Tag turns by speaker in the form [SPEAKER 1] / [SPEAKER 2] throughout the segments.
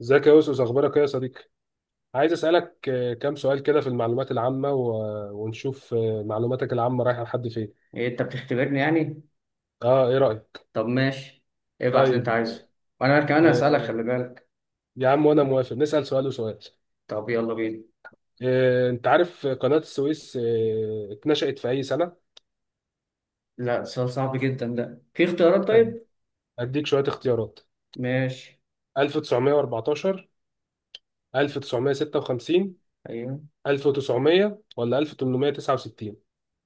[SPEAKER 1] ازيك يا أوسوس، أخبارك إيه يا صديقي؟ عايز أسألك، كام سؤال كده في المعلومات العامة، ونشوف معلوماتك العامة رايحة لحد فين؟
[SPEAKER 2] ايه انت بتختبرني يعني.
[SPEAKER 1] أه، إيه رأيك؟
[SPEAKER 2] طب ماشي، ابعت اللي انت
[SPEAKER 1] طيب.
[SPEAKER 2] عايزه وانا كمان
[SPEAKER 1] آه،
[SPEAKER 2] هسألك، خلي بالك.
[SPEAKER 1] يا عم وأنا موافق، نسأل سؤال وسؤال.
[SPEAKER 2] طب يلا بينا.
[SPEAKER 1] أنت عارف قناة السويس اتنشأت في أي سنة؟
[SPEAKER 2] لا، سؤال صعب جدا ده، في اختيارات؟
[SPEAKER 1] هد-
[SPEAKER 2] طيب
[SPEAKER 1] هديك شوية اختيارات.
[SPEAKER 2] ماشي.
[SPEAKER 1] 1914، 1956،
[SPEAKER 2] ايوه.
[SPEAKER 1] 1900، ولا 1869؟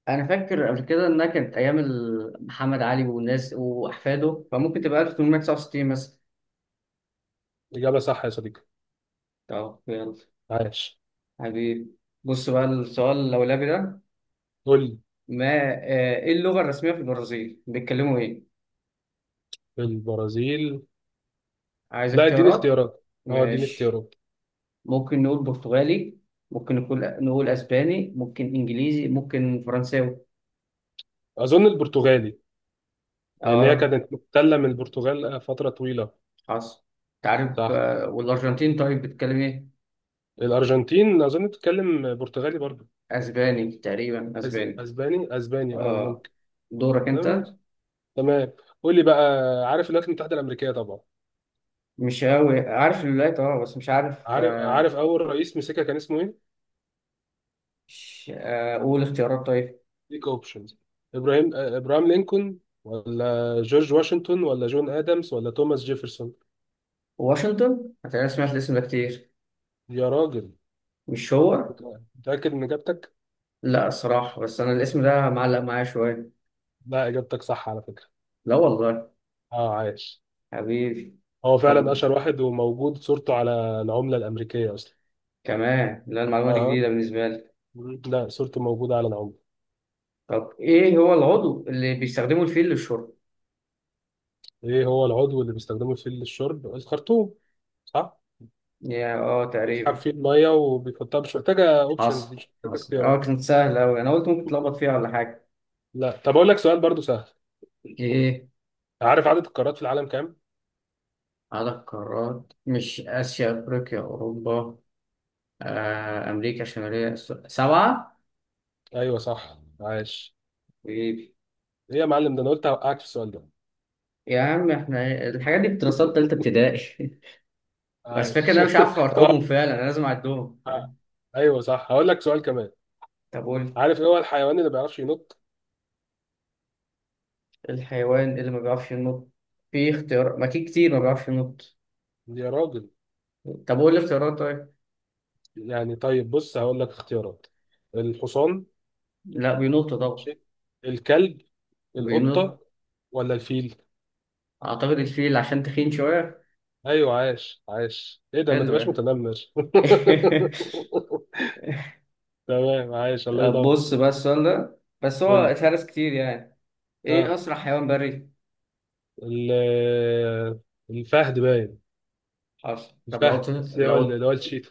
[SPEAKER 2] انا فاكر قبل كده انها كانت ايام محمد علي والناس واحفاده، فممكن تبقى 1869 مثلا.
[SPEAKER 1] إجابة صح يا صديقي،
[SPEAKER 2] طب يلا
[SPEAKER 1] عاش.
[SPEAKER 2] حبيبي. بص بقى السؤال اللولبي ده.
[SPEAKER 1] قول لي،
[SPEAKER 2] ما ايه اللغة الرسمية في البرازيل، بيتكلموا ايه؟
[SPEAKER 1] البرازيل.
[SPEAKER 2] عايز
[SPEAKER 1] لا، اديني
[SPEAKER 2] اختيارات.
[SPEAKER 1] اختيارات. اه، اديني
[SPEAKER 2] ماشي.
[SPEAKER 1] اختيارات.
[SPEAKER 2] ممكن نقول برتغالي، ممكن نقول اسباني، ممكن انجليزي، ممكن فرنساوي.
[SPEAKER 1] اظن البرتغالي، لان هي
[SPEAKER 2] اه
[SPEAKER 1] كانت محتله من البرتغال فتره طويله.
[SPEAKER 2] حصل. تعرف
[SPEAKER 1] صح.
[SPEAKER 2] والارجنتين طيب بتتكلم ايه؟
[SPEAKER 1] الارجنتين اظن بتتكلم برتغالي برضه.
[SPEAKER 2] اسباني، تقريبا اسباني.
[SPEAKER 1] اسباني، اسباني، اه
[SPEAKER 2] اه.
[SPEAKER 1] ممكن.
[SPEAKER 2] دورك
[SPEAKER 1] تمام،
[SPEAKER 2] انت.
[SPEAKER 1] تمام. قول لي بقى. عارف الولايات المتحده الامريكيه طبعا.
[SPEAKER 2] مش قوي عارف الولايات، اه، بس مش عارف
[SPEAKER 1] عارف، عارف اول رئيس مسكها كان اسمه ايه.
[SPEAKER 2] مش قول اختيارات طيب.
[SPEAKER 1] ليك اوبشنز، ابراهيم آه، ابراهام لينكولن، ولا جورج واشنطن، ولا جون ادمز، ولا توماس جيفرسون؟
[SPEAKER 2] واشنطن، انا سمعت الاسم ده كتير.
[SPEAKER 1] يا راجل.
[SPEAKER 2] مش هو؟
[SPEAKER 1] متاكد من اجابتك؟
[SPEAKER 2] لا الصراحة، بس انا الاسم ده معلق معايا شوية.
[SPEAKER 1] لا، اجابتك صح على فكره.
[SPEAKER 2] لا والله.
[SPEAKER 1] اه، عايش.
[SPEAKER 2] حبيبي.
[SPEAKER 1] هو فعلا
[SPEAKER 2] طب
[SPEAKER 1] اشهر واحد، وموجود صورته على العمله الامريكيه اصلا.
[SPEAKER 2] كمان، لا المعلومة دي
[SPEAKER 1] اها.
[SPEAKER 2] جديدة بالنسبة لي.
[SPEAKER 1] مم. لا، صورته موجوده على العمله.
[SPEAKER 2] طب إيه هو العضو اللي بيستخدمه الفيل للشرب؟
[SPEAKER 1] ايه هو العضو اللي بيستخدمه للشرب؟ الخرطوم. صح،
[SPEAKER 2] يا
[SPEAKER 1] بيسحب
[SPEAKER 2] تقريبا.
[SPEAKER 1] فيه الميه وبيحطها. مش محتاجه اوبشنز دي،
[SPEAKER 2] حصل
[SPEAKER 1] مش محتاجه
[SPEAKER 2] حصل.
[SPEAKER 1] اختيارات.
[SPEAKER 2] كانت سهلة أوي، أنا قلت ممكن تلخبط فيها ولا حاجة.
[SPEAKER 1] لا، طب اقول لك سؤال برضو سهل.
[SPEAKER 2] ايه
[SPEAKER 1] عارف عدد القارات في العالم كام؟
[SPEAKER 2] عدد قارات؟ مش اسيا، افريقيا، اوروبا، امريكا الشماليه، سبعه.
[SPEAKER 1] ايوه صح، عاش.
[SPEAKER 2] حبيبي.
[SPEAKER 1] ايه يا معلم، ده انا قلت هوقعك في السؤال ده.
[SPEAKER 2] يا عم إحنا الحاجات دي بدراسات تالتة ابتدائي. بس فكرة إن
[SPEAKER 1] عاش.
[SPEAKER 2] أنا مش عارف
[SPEAKER 1] طب،
[SPEAKER 2] أرقامهم فعلا، أنا لازم أعدهم،
[SPEAKER 1] ه-
[SPEAKER 2] فاهم؟
[SPEAKER 1] ايوه صح، هقول لك سؤال كمان.
[SPEAKER 2] طب قول.
[SPEAKER 1] عارف ايه هو الحيوان اللي ما بيعرفش ينط؟
[SPEAKER 2] الحيوان اللي ما بيعرفش ينط؟ في اختيار؟ ما في كتير ما بيعرفش ينط.
[SPEAKER 1] يا راجل.
[SPEAKER 2] طب قول الاختيارات طيب.
[SPEAKER 1] يعني طيب، بص هقول لك اختيارات. الحصان.
[SPEAKER 2] لا بينط طبعا.
[SPEAKER 1] ماشي. الكلب،
[SPEAKER 2] بينط.
[SPEAKER 1] القطة، ولا الفيل؟
[SPEAKER 2] أعتقد الفيل عشان تخين شوية.
[SPEAKER 1] ايوه، عاش، عاش. ايه ده، ما
[SPEAKER 2] حلو ده.
[SPEAKER 1] تبقاش متنمر. تمام، عاش الله
[SPEAKER 2] طب
[SPEAKER 1] يدور.
[SPEAKER 2] بص بقى السؤال ده، بس هو
[SPEAKER 1] قول لي.
[SPEAKER 2] اتهرس كتير يعني. إيه
[SPEAKER 1] اه،
[SPEAKER 2] أسرع حيوان بري؟
[SPEAKER 1] ال- الفهد باين.
[SPEAKER 2] حصل. طب
[SPEAKER 1] الفهد، اللي هو اللي
[SPEAKER 2] لو
[SPEAKER 1] هو الشيتا.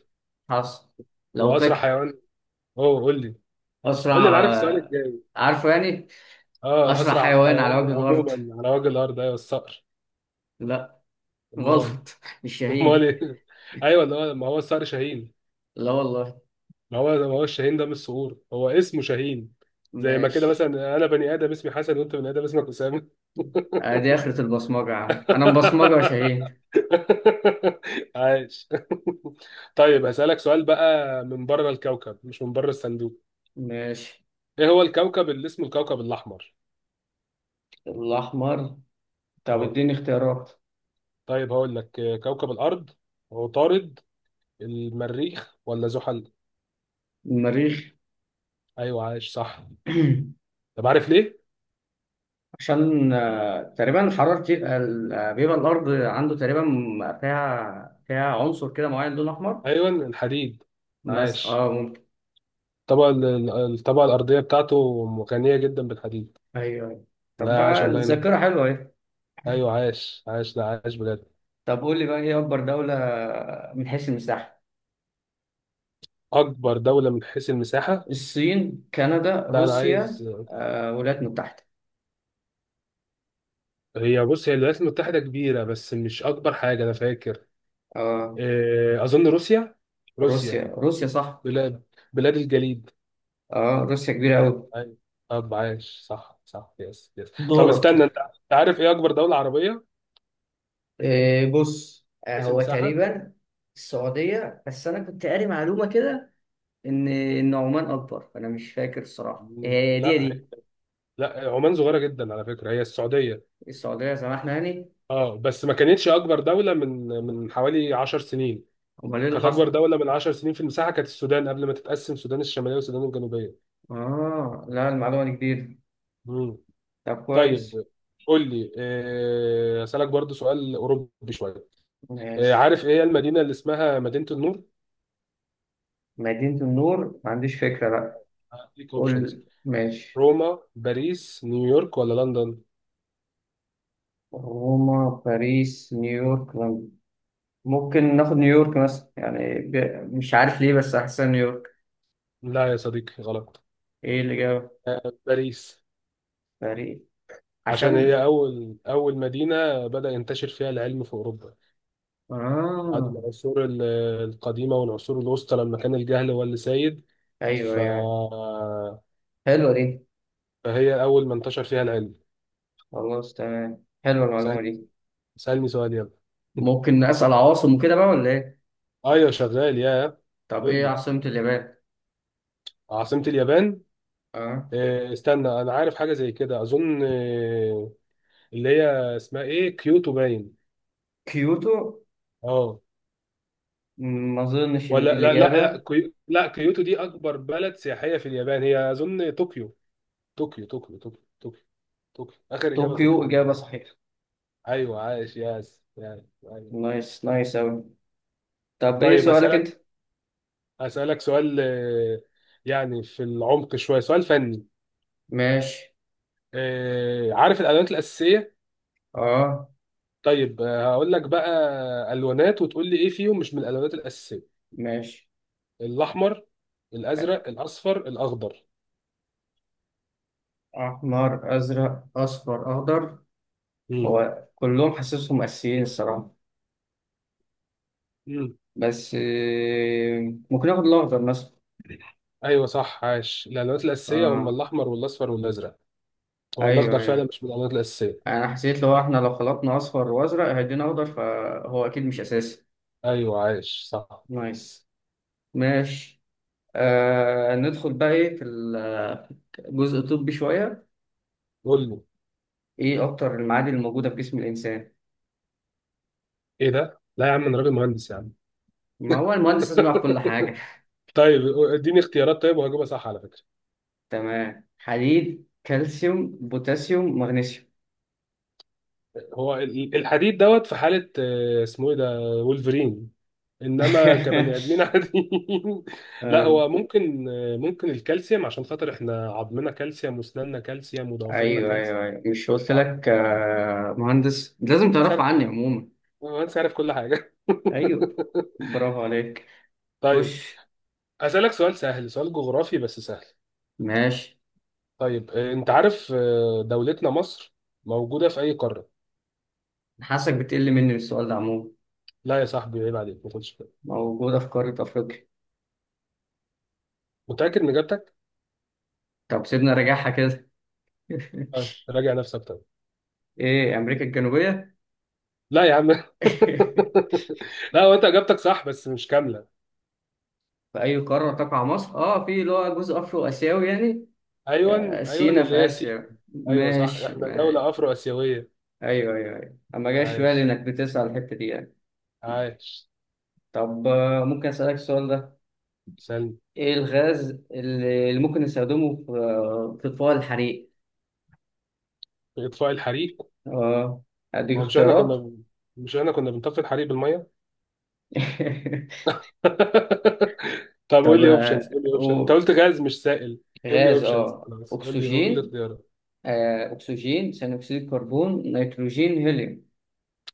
[SPEAKER 2] حصل. لو قلت
[SPEAKER 1] واسرع
[SPEAKER 2] لك
[SPEAKER 1] حيوان، اوه قول لي، قول لي
[SPEAKER 2] أسرع
[SPEAKER 1] انا عارف السؤال الجاي.
[SPEAKER 2] عارفه يعني.
[SPEAKER 1] اه،
[SPEAKER 2] أسرع
[SPEAKER 1] اسرع
[SPEAKER 2] حيوان على
[SPEAKER 1] حيوان
[SPEAKER 2] وجه الأرض؟
[SPEAKER 1] عموما على وجه الارض ايوه الصقر.
[SPEAKER 2] لا.
[SPEAKER 1] امال،
[SPEAKER 2] غلط. مش
[SPEAKER 1] امال
[SPEAKER 2] شاهين؟
[SPEAKER 1] ايه؟ ايوه، اللي هو، ما هو الصقر شاهين.
[SPEAKER 2] لا والله.
[SPEAKER 1] ما هو، ما هو الشاهين ده مش صقور، هو اسمه شاهين. زي ما كده
[SPEAKER 2] ماشي.
[SPEAKER 1] مثلا، انا بني ادم اسمي حسن، وانت بني ادم اسمك اسامه.
[SPEAKER 2] دي آخرة البصمجة يا عم، أنا مبصمجة يا شاهين.
[SPEAKER 1] عايش. طيب هسألك سؤال بقى من بره الكوكب، مش من بره الصندوق.
[SPEAKER 2] ماشي.
[SPEAKER 1] ايه هو الكوكب اللي اسمه الكوكب الاحمر؟
[SPEAKER 2] الأحمر. طب
[SPEAKER 1] اه.
[SPEAKER 2] اديني اختيارات.
[SPEAKER 1] طيب هقول لك، كوكب الارض، عطارد، المريخ، ولا زحل؟
[SPEAKER 2] المريخ.
[SPEAKER 1] ايوه عايش، صح. طب عارف ليه؟
[SPEAKER 2] عشان تقريبا حرارة. بيبقى الأرض عنده تقريبا فيها عنصر كده معين لون أحمر.
[SPEAKER 1] ايوه، الحديد.
[SPEAKER 2] بس
[SPEAKER 1] عايش.
[SPEAKER 2] اه ممكن.
[SPEAKER 1] الطبقة الطبقة الأرضية بتاعته غنية جدا بالحديد.
[SPEAKER 2] أيوه أيوه. طب
[SPEAKER 1] لا عاش،
[SPEAKER 2] بقى
[SPEAKER 1] الله ينور.
[SPEAKER 2] الذاكرة حلوة اهي.
[SPEAKER 1] أيوة عاش، عاش، لا عاش بجد.
[SPEAKER 2] طب قول لي بقى، إيه أكبر دولة من حيث المساحة؟
[SPEAKER 1] أكبر دولة من حيث المساحة.
[SPEAKER 2] الصين، كندا،
[SPEAKER 1] لا أنا
[SPEAKER 2] روسيا،
[SPEAKER 1] عايز.
[SPEAKER 2] الولايات المتحدة.
[SPEAKER 1] هي بص، هي الولايات المتحدة كبيرة بس مش أكبر حاجة أنا فاكر.
[SPEAKER 2] اه
[SPEAKER 1] أظن روسيا، روسيا.
[SPEAKER 2] روسيا. روسيا صح.
[SPEAKER 1] بلاد بلاد الجليد.
[SPEAKER 2] اه، روسيا كبيرة أوي.
[SPEAKER 1] أيوة. طب عاش، صح، صح، يس، يس. طب
[SPEAKER 2] دورك.
[SPEAKER 1] استنى، أنت عارف إيه أكبر دولة عربية من
[SPEAKER 2] إيه بص،
[SPEAKER 1] حيث
[SPEAKER 2] هو
[SPEAKER 1] المساحة؟
[SPEAKER 2] تقريبا السعودية، بس أنا كنت قاري معلومة كده ان عمان اكبر، فانا مش فاكر الصراحه، هي دي
[SPEAKER 1] لا
[SPEAKER 2] دي
[SPEAKER 1] هي- لا، عمان صغيرة جدا على فكرة، هي السعودية.
[SPEAKER 2] السعوديه، سمحنا يعني.
[SPEAKER 1] اه، بس ما كانتش اكبر دولة من حوالي 10 سنين.
[SPEAKER 2] امال ايه اللي
[SPEAKER 1] كانت
[SPEAKER 2] حصل؟
[SPEAKER 1] اكبر دولة من 10 سنين في المساحة كانت السودان، قبل ما تتقسم السودان الشمالية والسودان الجنوبية.
[SPEAKER 2] اه لا، المعلومه دي جديده.
[SPEAKER 1] مم.
[SPEAKER 2] طب كويس.
[SPEAKER 1] طيب قول لي، اسالك برضو سؤال اوروبي شوية.
[SPEAKER 2] ماشي.
[SPEAKER 1] عارف ايه هي المدينة اللي اسمها مدينة النور؟
[SPEAKER 2] مدينه النور؟ ما عنديش فكره بقى.
[SPEAKER 1] هديك اوبشنز،
[SPEAKER 2] قول. ماشي.
[SPEAKER 1] روما، باريس، نيويورك، ولا لندن؟
[SPEAKER 2] روما، باريس، نيويورك، لندن. ممكن ناخد نيويورك مثلا يعني مش عارف ليه، بس احسن نيويورك.
[SPEAKER 1] لا يا صديقي، غلط.
[SPEAKER 2] ايه اللي جاب؟
[SPEAKER 1] باريس،
[SPEAKER 2] باريس.
[SPEAKER 1] عشان
[SPEAKER 2] عشان.
[SPEAKER 1] هي اول مدينة بدأ ينتشر فيها العلم في اوروبا، بعد
[SPEAKER 2] اه
[SPEAKER 1] العصور القديمة والعصور الوسطى، لما كان الجهل هو اللي سيد.
[SPEAKER 2] ايوه، ايوه
[SPEAKER 1] ف...
[SPEAKER 2] أيوه. حلوه دي.
[SPEAKER 1] فهي أول ما انتشر فيها العلم.
[SPEAKER 2] خلاص تمام، حلوه
[SPEAKER 1] سأل...
[SPEAKER 2] المعلومه دي.
[SPEAKER 1] سألني سؤال، يلا.
[SPEAKER 2] ممكن اسال عواصم وكده بقى ولا ايه؟
[SPEAKER 1] أيوة شغال، يا.
[SPEAKER 2] طب
[SPEAKER 1] قول
[SPEAKER 2] ايه
[SPEAKER 1] لي.
[SPEAKER 2] عاصمة اليابان؟
[SPEAKER 1] عاصمة اليابان.
[SPEAKER 2] اه.
[SPEAKER 1] استنى، أنا عارف حاجة زي كده، أظن اللي هي اسمها إيه، كيوتو باين.
[SPEAKER 2] كيوتو؟
[SPEAKER 1] أه.
[SPEAKER 2] م، ما اظنش ان دي
[SPEAKER 1] ولا، لا لا لا،
[SPEAKER 2] الاجابة.
[SPEAKER 1] لا كيوتو دي أكبر بلد سياحية في اليابان. هي أظن طوكيو، طوكيو، طوكيو، طوكيو، طوكيو، طوكيو. آخر إجابة طوكيو.
[SPEAKER 2] طوكيو اجابة صحيحة.
[SPEAKER 1] أيوة عايش، ياس، ياس، أيوة.
[SPEAKER 2] نايس، نايس اوي. طب ايه
[SPEAKER 1] طيب
[SPEAKER 2] سؤالك انت؟
[SPEAKER 1] أسألك سؤال، يعني في العمق شوية، سؤال فني.
[SPEAKER 2] ماشي.
[SPEAKER 1] عارف الألوانات الأساسية؟
[SPEAKER 2] اه.
[SPEAKER 1] طيب، هقول لك بقى ألوانات، وتقول لي إيه فيهم مش من الألوانات الأساسية.
[SPEAKER 2] ماشي.
[SPEAKER 1] الأحمر، الأزرق، الأصفر، الأخضر.
[SPEAKER 2] احمر، ازرق، اصفر، اخضر.
[SPEAKER 1] مم.
[SPEAKER 2] هو كلهم حاسسهم اساسيين الصراحة.
[SPEAKER 1] مم.
[SPEAKER 2] بس ممكن اخد الاخضر مثلا.
[SPEAKER 1] أيوه صح، عاش. الألوانات الأساسية هم
[SPEAKER 2] اه.
[SPEAKER 1] الأحمر والأصفر والأزرق. هو
[SPEAKER 2] ايوه
[SPEAKER 1] الأخضر فعلا
[SPEAKER 2] ايوه.
[SPEAKER 1] مش من الألوانات الأساسية.
[SPEAKER 2] انا حسيت لو احنا لو خلطنا اصفر وازرق هيدينا اخضر، فهو اكيد مش اساسي.
[SPEAKER 1] أيوه عاش، صح.
[SPEAKER 2] نايس. ماشي. ندخل بقى ايه في في الجزء الطبي شوية.
[SPEAKER 1] قول لي.
[SPEAKER 2] ايه اكتر المعادن الموجودة في جسم الانسان؟
[SPEAKER 1] إيه ده؟ لا يا عم، أنا راجل مهندس يا عم.
[SPEAKER 2] ما هو المهندس لازم يعرف كل حاجة.
[SPEAKER 1] طيب اديني اختيارات طيب، وهجيبها صح على فكرة.
[SPEAKER 2] تمام، حديد، كالسيوم، بوتاسيوم، مغنيسيوم.
[SPEAKER 1] هو الحديد دوت في حالة، اسمه ايه ده، وولفرين. انما كبني ادمين عاديين. لا
[SPEAKER 2] آه.
[SPEAKER 1] هو ممكن، ممكن الكالسيوم، عشان خاطر احنا عظمنا كالسيوم، واسناننا كالسيوم، وضوافرنا
[SPEAKER 2] ايوه
[SPEAKER 1] كالسيوم.
[SPEAKER 2] ايوه ايوه. مش قلت
[SPEAKER 1] اه،
[SPEAKER 2] لك مهندس لازم
[SPEAKER 1] انت
[SPEAKER 2] تعرف
[SPEAKER 1] عارف كل
[SPEAKER 2] عني
[SPEAKER 1] حاجة.
[SPEAKER 2] عموما؟
[SPEAKER 1] انت عارف كل حاجة.
[SPEAKER 2] ايوه. برافو عليك.
[SPEAKER 1] طيب،
[SPEAKER 2] خش.
[SPEAKER 1] هسألك سؤال سهل، سؤال جغرافي بس سهل.
[SPEAKER 2] ماشي.
[SPEAKER 1] طيب، انت عارف دولتنا مصر موجودة في اي قارة.
[SPEAKER 2] حاسك بتقل مني من السؤال ده عموما.
[SPEAKER 1] لا يا صاحبي عيب عليك، ما كنتش
[SPEAKER 2] موجودة في قارة افريقيا.
[SPEAKER 1] متأكد من اجابتك.
[SPEAKER 2] طب سيبنا راجعها كده.
[SPEAKER 1] اه، راجع نفسك طيب.
[SPEAKER 2] ايه، امريكا الجنوبية؟
[SPEAKER 1] لا يا عم. لا، هو انت اجابتك صح بس مش كامله.
[SPEAKER 2] في أي قارة تقع مصر؟ آه، في اللي هو جزء أفرو آسيوي يعني. آه،
[SPEAKER 1] ايوه، ايوه،
[SPEAKER 2] سينا في
[SPEAKER 1] اللي هي سي.
[SPEAKER 2] آسيا.
[SPEAKER 1] ايوه صح،
[SPEAKER 2] ماشي،
[SPEAKER 1] احنا دوله
[SPEAKER 2] ماشي.
[SPEAKER 1] افرو اسيويه.
[SPEAKER 2] أيوه أيوه أيوه، أما جاش في بالي
[SPEAKER 1] عايش،
[SPEAKER 2] إنك بتسأل الحتة دي يعني.
[SPEAKER 1] عايش.
[SPEAKER 2] طب ممكن أسألك السؤال ده.
[SPEAKER 1] سلم.
[SPEAKER 2] إيه الغاز اللي ممكن نستخدمه في إطفاء الحريق؟
[SPEAKER 1] اطفاء الحريق.
[SPEAKER 2] آه. أديك
[SPEAKER 1] هو مش احنا
[SPEAKER 2] اختيارات.
[SPEAKER 1] كنا مش احنا كنا بنطفي الحريق بالميه. طب
[SPEAKER 2] طب
[SPEAKER 1] قول لي اوبشنز، قول لي اوبشن، انت
[SPEAKER 2] و-
[SPEAKER 1] قلت غاز مش سائل. قول لي
[SPEAKER 2] غاز
[SPEAKER 1] اوبشنز، خلاص قول لي، قول لي
[SPEAKER 2] أكسجين.
[SPEAKER 1] اختيارات.
[SPEAKER 2] آه، أكسجين، ثاني أكسيد الكربون، نيتروجين، هيليوم.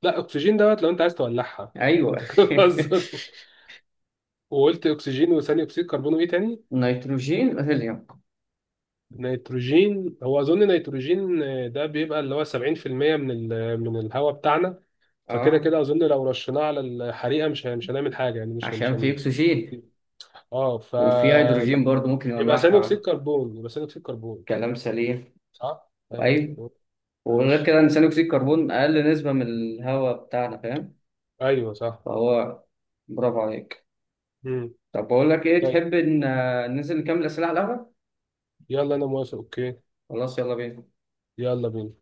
[SPEAKER 1] لا، اكسجين دوت لو انت عايز تولعها.
[SPEAKER 2] أيوه.
[SPEAKER 1] انت كده بتهزر. وقلت اكسجين، وثاني اكسيد كربون، وايه تاني؟
[SPEAKER 2] نيتروجين هيليوم.
[SPEAKER 1] نيتروجين. هو اظن نيتروجين، ده بيبقى اللي هو 70% من الهواء بتاعنا. فكده
[SPEAKER 2] اه
[SPEAKER 1] كده اظن، لو رشيناه على الحريقه مش هنعمل حاجه، يعني مش هن- مش
[SPEAKER 2] عشان في
[SPEAKER 1] هن...
[SPEAKER 2] اكسجين،
[SPEAKER 1] اه،
[SPEAKER 2] وفي هيدروجين
[SPEAKER 1] فلا.
[SPEAKER 2] برضو ممكن
[SPEAKER 1] يبقى ثاني اكسيد
[SPEAKER 2] يولعها.
[SPEAKER 1] كربون، يبقى ثاني اكسيد كربون.
[SPEAKER 2] كلام سليم.
[SPEAKER 1] صح، ايوه.
[SPEAKER 2] ايوه. وغير
[SPEAKER 1] ماشي.
[SPEAKER 2] كده ان ثاني اكسيد الكربون اقل نسبه من الهواء بتاعنا، فاهم؟
[SPEAKER 1] ايوه صح.
[SPEAKER 2] فهو. برافو عليك.
[SPEAKER 1] امم.
[SPEAKER 2] طب بقول لك ايه،
[SPEAKER 1] طيب،
[SPEAKER 2] تحب ان ننزل نكمل اسئله على القهوه؟
[SPEAKER 1] يلا انا موافق، اوكي.
[SPEAKER 2] خلاص يلا بينا.
[SPEAKER 1] يلا بينا.